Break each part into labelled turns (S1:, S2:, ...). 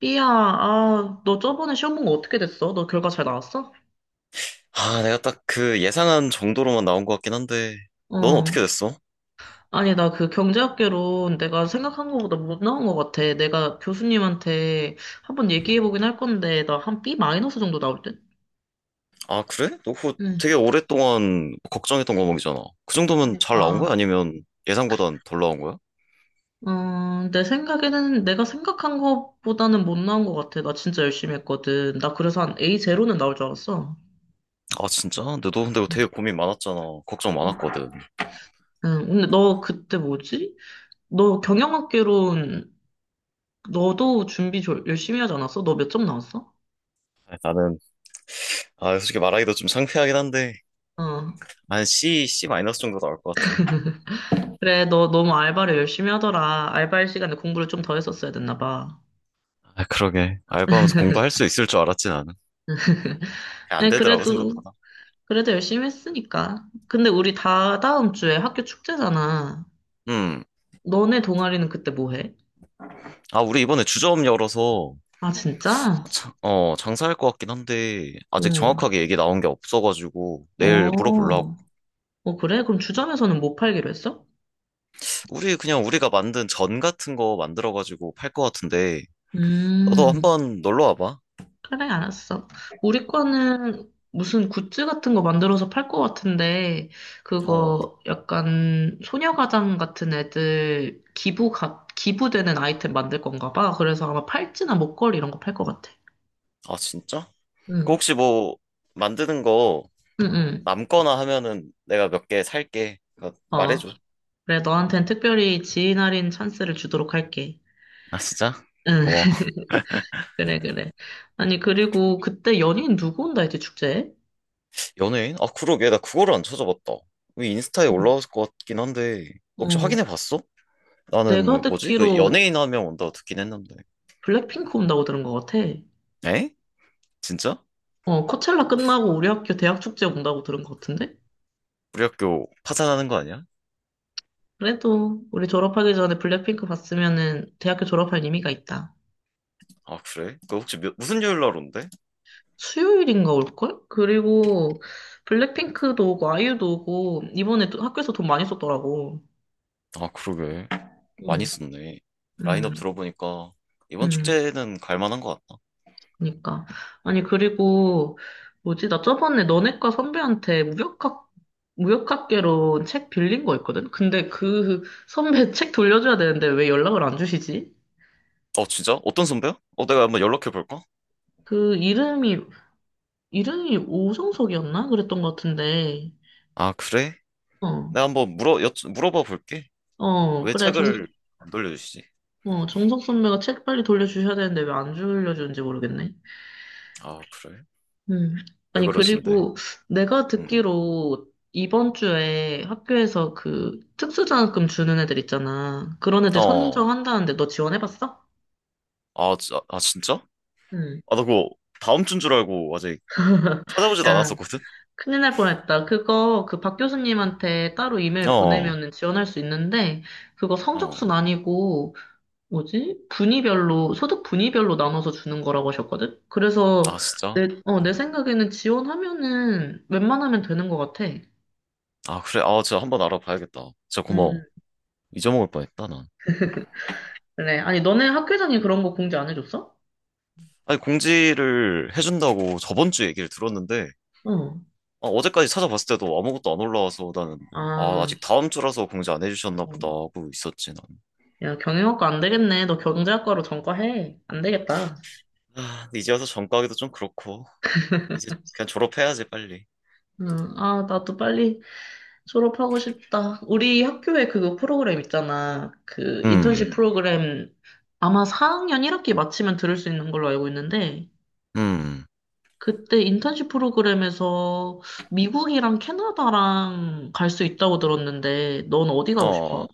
S1: 삐야, 아, 너 저번에 시험 본 거 어떻게 됐어? 너 결과 잘 나왔어?
S2: 아, 내가 딱 그 예상한 정도로만 나온 것 같긴 한데, 넌 어떻게
S1: 어.
S2: 됐어?
S1: 아니, 나 그 경제학개론 내가 생각한 거보다 못 나온 것 같아. 내가 교수님한테 한번 얘기해보긴 할 건데, 나 한 B 마이너스 정도 나올 듯?
S2: 아, 그래? 너 그거
S1: 응.
S2: 되게 오랫동안 걱정했던 과목이잖아. 그 정도면 잘 나온
S1: 그러니까.
S2: 거야? 아니면 예상보단 덜 나온 거야?
S1: 내 생각에는 내가 생각한 것보다는 못 나온 것 같아. 나 진짜 열심히 했거든. 나 그래서 한 A0는 나올 줄 알았어.
S2: 아, 진짜? 근데 너 근데 되게 고민 많았잖아. 걱정
S1: 응,
S2: 많았거든.
S1: 응, 근데 너 그때 뭐지? 너 경영학개론 너도 준비 열심히 하지 않았어? 너 몇 점 나왔어?
S2: 아, 나는, 아, 솔직히 말하기도 좀 창피하긴 한데,
S1: 어.
S2: 한 C, C 마이너스 정도 나올 것 같아.
S1: 그래, 너 너무 알바를 열심히 하더라. 알바할 시간에 공부를 좀 더 했었어야 됐나 봐.
S2: 아, 그러게. 알바하면서 공부할 수 있을 줄 알았지, 나는. 그냥 안
S1: 네,
S2: 되더라고,
S1: 그래도,
S2: 생각보다.
S1: 그래도 열심히 했으니까. 근데 우리 다 다음 주에 학교 축제잖아.
S2: 음.
S1: 너네 동아리는 그때 뭐 해?
S2: 아, 우리 이번에 주점 열어서
S1: 아, 진짜?
S2: 장사할 것 같긴 한데, 아직
S1: 응.
S2: 정확하게 얘기 나온 게 없어가지고, 내일
S1: 어,
S2: 물어보려고.
S1: 그래? 그럼 주점에서는 못 팔기로 했어?
S2: 우리, 그냥 우리가 만든 전 같은 거 만들어가지고 팔 것 같은데, 너도
S1: 음.
S2: 한번 놀러 와봐.
S1: 그래, 알았어. 우리 거는 무슨 굿즈 같은 거 만들어서 팔 것 같은데,
S2: 어,
S1: 그거 약간 소녀가장 같은 애들 기부되는 아이템 만들 건가 봐. 그래서 아마 팔찌나 목걸이 이런 거 팔 것 같아.
S2: 아, 진짜? 그
S1: 응,
S2: 혹시 뭐, 만드는 거
S1: 응, 응.
S2: 남거나 하면은 내가 몇 개 살게. 그러니까
S1: 어,
S2: 말해줘.
S1: 그래, 너한텐 특별히 지인 할인 찬스를 주도록 할게.
S2: 아, 진짜?
S1: 응,
S2: 고마워.
S1: 그래, 그래. 아니, 그리고 그때 연예인 누구 온다 했지, 축제에?
S2: 연예인? 아, 그러게. 나 그거를 안 찾아봤다. 이 인스타에
S1: 응.
S2: 올라왔을 것 같긴 한데, 혹시
S1: 어,
S2: 확인해 봤어?
S1: 내가
S2: 나는, 뭐지? 그
S1: 듣기로
S2: 연예인 하면 온다고 듣긴 했는데.
S1: 블랙핑크 온다고 들은 것 같아.
S2: 에? 진짜?
S1: 코첼라 끝나고 우리 학교 대학 축제 온다고 들은 것 같은데?
S2: 우리 학교 파산하는 거 아니야?
S1: 그래도 우리 졸업하기 전에 블랙핑크 봤으면은 대학교 졸업할 의미가 있다.
S2: 아, 그래? 그 혹시 무슨 요일 날 온대?
S1: 수요일인가 올걸? 그리고 블랙핑크도 오고 아이유도 오고 이번에 또 학교에서 돈 많이 썼더라고.
S2: 아, 그러게. 많이
S1: 응,
S2: 썼네. 라인업
S1: 응,
S2: 들어보니까 이번
S1: 응.
S2: 축제는 갈 만한 거 같다.
S1: 그니까. 아니, 그리고 뭐지? 나 저번에 너네과 선배한테 무역학개론 책 빌린 거 있거든? 근데 그 선배 책 돌려줘야 되는데 왜 연락을 안 주시지?
S2: 어, 진짜? 어떤 선배야? 어, 내가 한번 연락해 볼까?
S1: 그 이름이 오성석이었나? 그랬던 것 같은데.
S2: 아, 그래?
S1: 어,
S2: 내가 한번 물어봐 볼게.
S1: 어,
S2: 왜
S1: 그래.
S2: 책을 안 돌려주시지?
S1: 정석 선배가 책 빨리 돌려주셔야 되는데 왜 안 돌려주는지 모르겠네.
S2: 아, 그래?
S1: 음.
S2: 왜
S1: 아니,
S2: 그러신데?
S1: 그리고 내가
S2: 음.
S1: 듣기로 이번 주에 학교에서 그 특수장학금 주는 애들 있잖아. 그런 애들
S2: 어.
S1: 선정한다는데 너 지원해봤어?
S2: 아, 아, 진짜?
S1: 응.
S2: 아, 나 그거 다음 주인 줄 알고 아직 찾아보지도
S1: 야,
S2: 않았었거든?
S1: 큰일 날 뻔했다. 그거 그 박 교수님한테 따로 이메일
S2: 어.
S1: 보내면은 지원할 수 있는데 그거 성적순
S2: 어.
S1: 아니고 뭐지? 소득 분위별로 나눠서 주는 거라고 하셨거든? 그래서
S2: 아, 진짜?
S1: 내 생각에는 지원하면은 웬만하면 되는 것 같아.
S2: 아, 그래? 아, 진짜 한번 알아봐야겠다. 진짜
S1: 음,
S2: 고마워. 잊어먹을 뻔했다, 난.
S1: 그래. 아니, 너네 학교장이 그런 거 공지 안 해줬어?
S2: 아니, 공지를 해준다고 저번 주 얘기를 들었는데,
S1: 어.
S2: 아, 어제까지 찾아봤을 때도 아무것도 안 올라와서 나는, 아,
S1: 아,
S2: 아직 다음 주라서 공지 안 해주셨나 보다
S1: 음.
S2: 하고 있었지, 난.
S1: 야, 경영학과 안 되겠네. 너 경제학과로 전과해. 안 되겠다.
S2: 아, 근데 이제 와서 전과하기도 좀 그렇고, 이제 그냥 졸업해야지, 빨리.
S1: 응. 아, 나도 빨리 졸업하고 싶다. 우리 학교에 그거 프로그램 있잖아. 그
S2: 음,
S1: 인턴십 프로그램 아마 4학년 1학기 마치면 들을 수 있는 걸로 알고 있는데
S2: 음,
S1: 그때 인턴십 프로그램에서 미국이랑 캐나다랑 갈 수 있다고 들었는데, 넌 어디 가고 싶어?
S2: 어,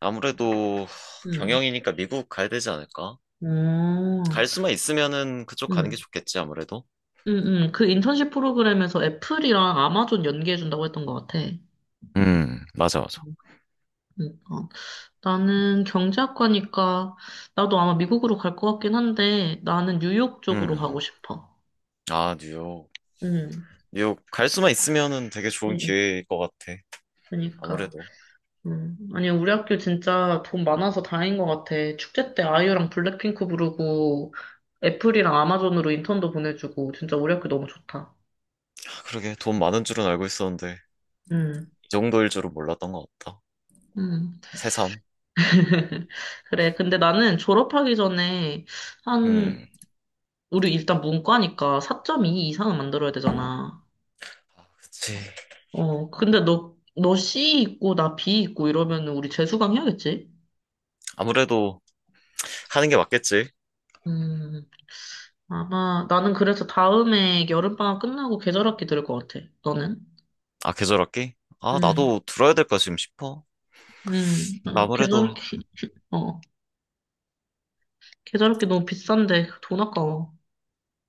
S2: 아무래도
S1: 응.
S2: 경영이니까 미국 가야 되지 않을까?
S1: 어,
S2: 갈
S1: 응.
S2: 수만 있으면은 그쪽 가는 게 좋겠지, 아무래도.
S1: 응, 응. 그 인턴십 프로그램에서 애플이랑 아마존 연계해준다고 했던 것 같아.
S2: 맞아, 맞아.
S1: 그러니까 나는 경제학과니까 나도 아마 미국으로 갈 것 같긴 한데 나는 뉴욕 쪽으로
S2: 음,
S1: 가고 싶어.
S2: 아, 뉴욕.
S1: 응,
S2: 뉴욕 갈 수만 있으면은 되게
S1: 응,
S2: 좋은
S1: 응.
S2: 기회일 것 같아.
S1: 그러니까.
S2: 아무래도.
S1: 음. 아니, 우리 학교 진짜 돈 많아서 다행인 것 같아. 축제 때 아이유랑 블랙핑크 부르고, 애플이랑 아마존으로 인턴도 보내주고, 진짜 우리 학교 너무 좋다.
S2: 아, 그러게 돈 많은 줄은 알고 있었는데
S1: 음,
S2: 이 정도일 줄은 몰랐던 것 같다.
S1: 음.
S2: 새삼.
S1: 그래. 근데 나는 졸업하기 전에, 한,
S2: 음.
S1: 우리 일단 문과니까 4.2 이상은 만들어야 되잖아.
S2: 아, 그치.
S1: 근데 너 C 있고, 나 B 있고 이러면 우리 재수강 해야겠지?
S2: 아무래도 하는 게 맞겠지.
S1: 음, 아마, 나는 그래서 다음에 여름방학 끝나고 계절학기 들을 것 같아. 너는?
S2: 아, 계절 학기? 아,
S1: 음,
S2: 나도 들어야 될까 지금 싶어. 근데
S1: 아,
S2: 아무래도.
S1: 어, 계절기 너무 비싼데 돈 아까워.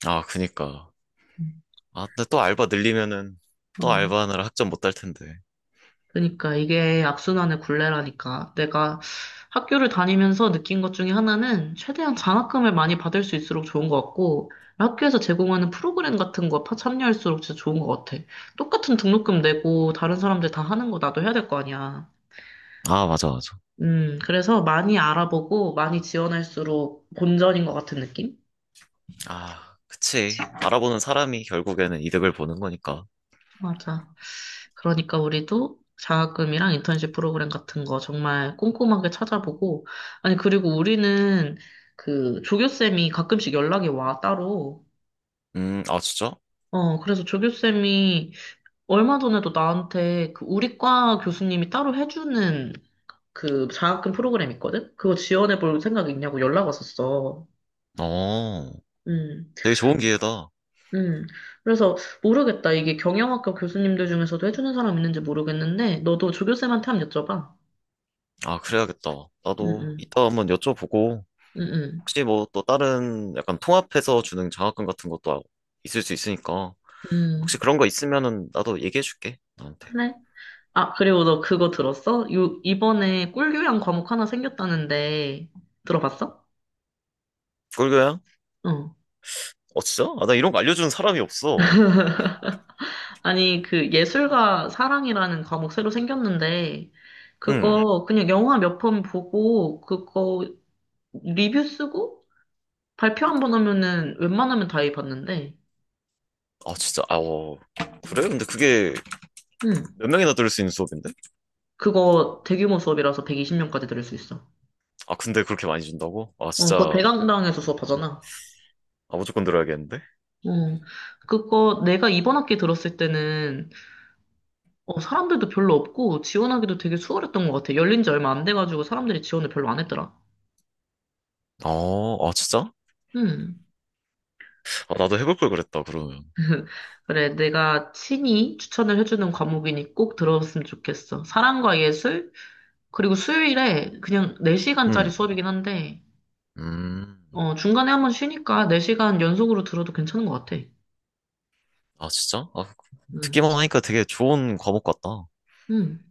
S2: 아, 그니까.
S1: 음,
S2: 아, 근데 또 알바 늘리면은 또
S1: 어,
S2: 알바하느라 학점 못 딸 텐데.
S1: 그러니까 이게 악순환의 굴레라니까. 내가 학교를 다니면서 느낀 것 중에 하나는 최대한 장학금을 많이 받을 수 있을수록 좋은 것 같고, 학교에서 제공하는 프로그램 같은 거 참여할수록 진짜 좋은 것 같아. 똑같은 등록금 내고 다른 사람들 다 하는 거 나도 해야 될 거 아니야.
S2: 아, 맞아, 맞아.
S1: 그래서 많이 알아보고 많이 지원할수록 본전인 것 같은 느낌?
S2: 아, 그치. 바라보는 사람이 결국에는 이득을 보는 거니까.
S1: 맞아. 그러니까 우리도 장학금이랑 인턴십 프로그램 같은 거 정말 꼼꼼하게 찾아보고, 아니, 그리고 우리는 그 조교쌤이 가끔씩 연락이 와, 따로.
S2: 아, 진짜?
S1: 그래서 조교쌤이 얼마 전에도 나한테 그 우리 과 교수님이 따로 해주는 그 장학금 프로그램 있거든? 그거 지원해볼 생각 있냐고 연락 왔었어.
S2: 어,
S1: 음,
S2: 되게 좋은 기회다.
S1: 음. 그래서 모르겠다. 이게 경영학과 교수님들 중에서도 해주는 사람 있는지 모르겠는데, 너도 조교쌤한테 한번 여쭤봐.
S2: 아, 그래야겠다.
S1: 응,
S2: 나도
S1: 응,
S2: 이따 한번 여쭤보고,
S1: 응, 응.
S2: 혹시 뭐 또 다른 약간 통합해서 주는 장학금 같은 것도 있을 수 있으니까,
S1: 음,
S2: 혹시 그런 거 있으면은 나도 얘기해줄게, 너한테.
S1: 그래. 아, 그리고 너 그거 들었어? 이번에 꿀교양 과목 하나 생겼다는데, 들어봤어?
S2: 꿀교양?
S1: 응.
S2: 어, 진짜? 아, 나 이런 거 알려주는 사람이 없어.
S1: 아니, 그 예술과 사랑이라는 과목 새로 생겼는데,
S2: 응.
S1: 그거 그냥 영화 몇 편 보고, 그거 리뷰 쓰고, 발표 한번 하면은 웬만하면 다 해봤는데,
S2: 아, 진짜? 아, 어. 그래? 근데 그게
S1: 응.
S2: 몇 명이나 들을 수 있는 수업인데?
S1: 그거 대규모 수업이라서 120명까지 들을 수 있어.
S2: 아, 근데 그렇게 많이 준다고? 아,
S1: 그거
S2: 진짜.
S1: 대강당에서 수업하잖아.
S2: 아, 무조건 들어야겠는데?
S1: 어, 그거 내가 이번 학기 들었을 때는 사람들도 별로 없고 지원하기도 되게 수월했던 것 같아. 열린 지 얼마 안 돼가지고 사람들이 지원을 별로 안 했더라.
S2: 어, 아, 진짜?
S1: 음.
S2: 아, 나도 해볼 걸 그랬다, 그러면.
S1: 그래, 내가 친히 추천을 해주는 과목이니 꼭 들어봤으면 좋겠어. 사랑과 예술, 그리고 수요일에 그냥 4시간짜리
S2: 음,
S1: 수업이긴 한데,
S2: 음,
S1: 중간에 한번 쉬니까 4시간 연속으로 들어도 괜찮은 것 같아.
S2: 아, 진짜? 아,
S1: 음.
S2: 듣기만 하니까 되게 좋은 과목 같다.
S1: 음.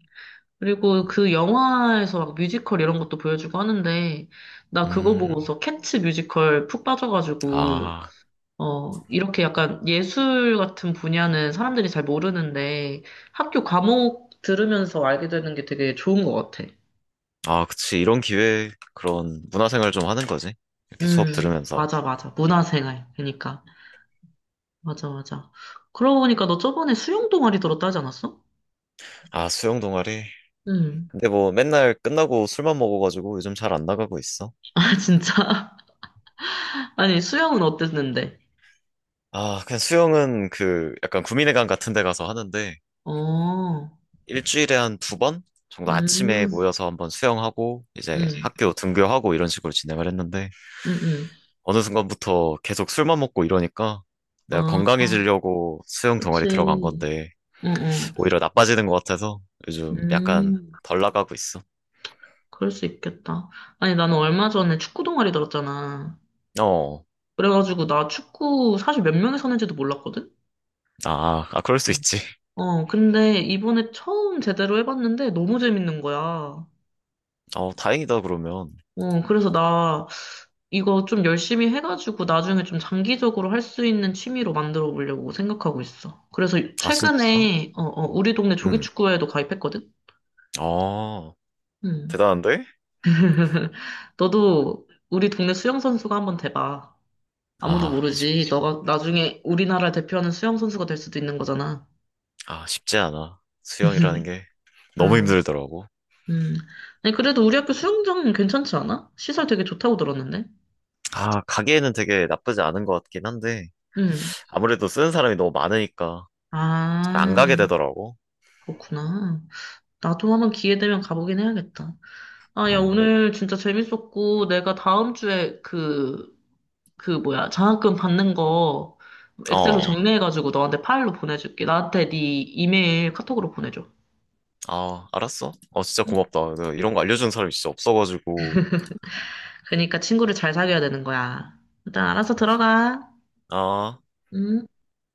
S1: 그리고 그 영화에서 막 뮤지컬 이런 것도 보여주고 하는데, 나 그거
S2: 음,
S1: 보고서 캣츠 뮤지컬 푹 빠져가지고,
S2: 아,
S1: 이렇게 약간 예술 같은 분야는 사람들이 잘 모르는데 학교 과목 들으면서 알게 되는 게 되게 좋은 것 같아.
S2: 아, 그치. 이런 기회에 그런 문화생활 좀 하는 거지. 이렇게 수업
S1: 음,
S2: 들으면서.
S1: 맞아, 맞아. 문화생활. 그러니까. 맞아, 맞아. 그러고 보니까 너 저번에 수영 동아리 들었다 하지 않았어?
S2: 아, 수영 동아리.
S1: 음.
S2: 근데 뭐 맨날 끝나고 술만 먹어가지고 요즘 잘 안 나가고 있어.
S1: 아, 진짜? 아니, 수영은 어땠는데?
S2: 아, 그냥 수영은 그 약간 구민회관 같은 데 가서 하는데
S1: 어,
S2: 일주일에 한 두 번 정도 아침에
S1: 음,
S2: 모여서 한번 수영하고 이제
S1: 음,
S2: 학교 등교하고 이런 식으로 진행을 했는데
S1: 음, 음.
S2: 어느 순간부터 계속 술만 먹고 이러니까 내가
S1: 아,
S2: 건강해지려고 수영 동아리
S1: 그치.
S2: 들어간 건데
S1: 응, 응.
S2: 오히려 나빠지는 것 같아서 요즘 약간
S1: 음,
S2: 덜 나가고 있어.
S1: 그럴 수 있겠다. 아니, 나는 얼마 전에 축구 동아리 들었잖아.
S2: 어,
S1: 그래가지고 나 축구 사실 몇 명이서 하는지도 몰랐거든?
S2: 아, 아, 그럴 수
S1: 음.
S2: 있지.
S1: 근데 이번에 처음 제대로 해봤는데 너무 재밌는 거야.
S2: 어, 다행이다, 그러면.
S1: 그래서 나 이거 좀 열심히 해가지고 나중에 좀 장기적으로 할 수 있는 취미로 만들어 보려고 생각하고 있어. 그래서
S2: 아, 진짜?
S1: 최근에, 우리 동네
S2: 응,
S1: 조기축구회에도 가입했거든?
S2: 어,
S1: 음.
S2: 대단한데?
S1: 너도 우리 동네 수영선수가 한번 돼봐. 아무도
S2: 아,
S1: 모르지. 너가 나중에 우리나라 대표하는 수영선수가 될 수도 있는 거잖아.
S2: 아, 쉽지 않아. 수영이라는 게 너무
S1: 응.
S2: 힘들더라고.
S1: 음. 아니, 그래도 우리 학교 수영장 괜찮지 않아? 시설 되게 좋다고 들었는데.
S2: 아, 가기에는 되게 나쁘지 않은 것 같긴 한데
S1: 음.
S2: 아무래도 쓰는 사람이 너무 많으니까 안 가게
S1: 아,
S2: 되더라고.
S1: 그렇구나. 나도 한번 기회 되면 가보긴 해야겠다. 아, 야,
S2: 음,
S1: 오늘 진짜 재밌었고, 내가 다음 주에 그 뭐야, 장학금 받는 거 엑셀로
S2: 어.
S1: 정리해가지고 너한테 파일로 보내줄게. 나한테 네 이메일 카톡으로 보내줘.
S2: 아, 알았어. 어, 진짜 고맙다. 내가 이런 거 알려주는 사람이 진짜 없어가지고.
S1: 그러니까 친구를 잘 사귀어야 되는 거야. 일단 알아서 들어가.
S2: 아.
S1: 음.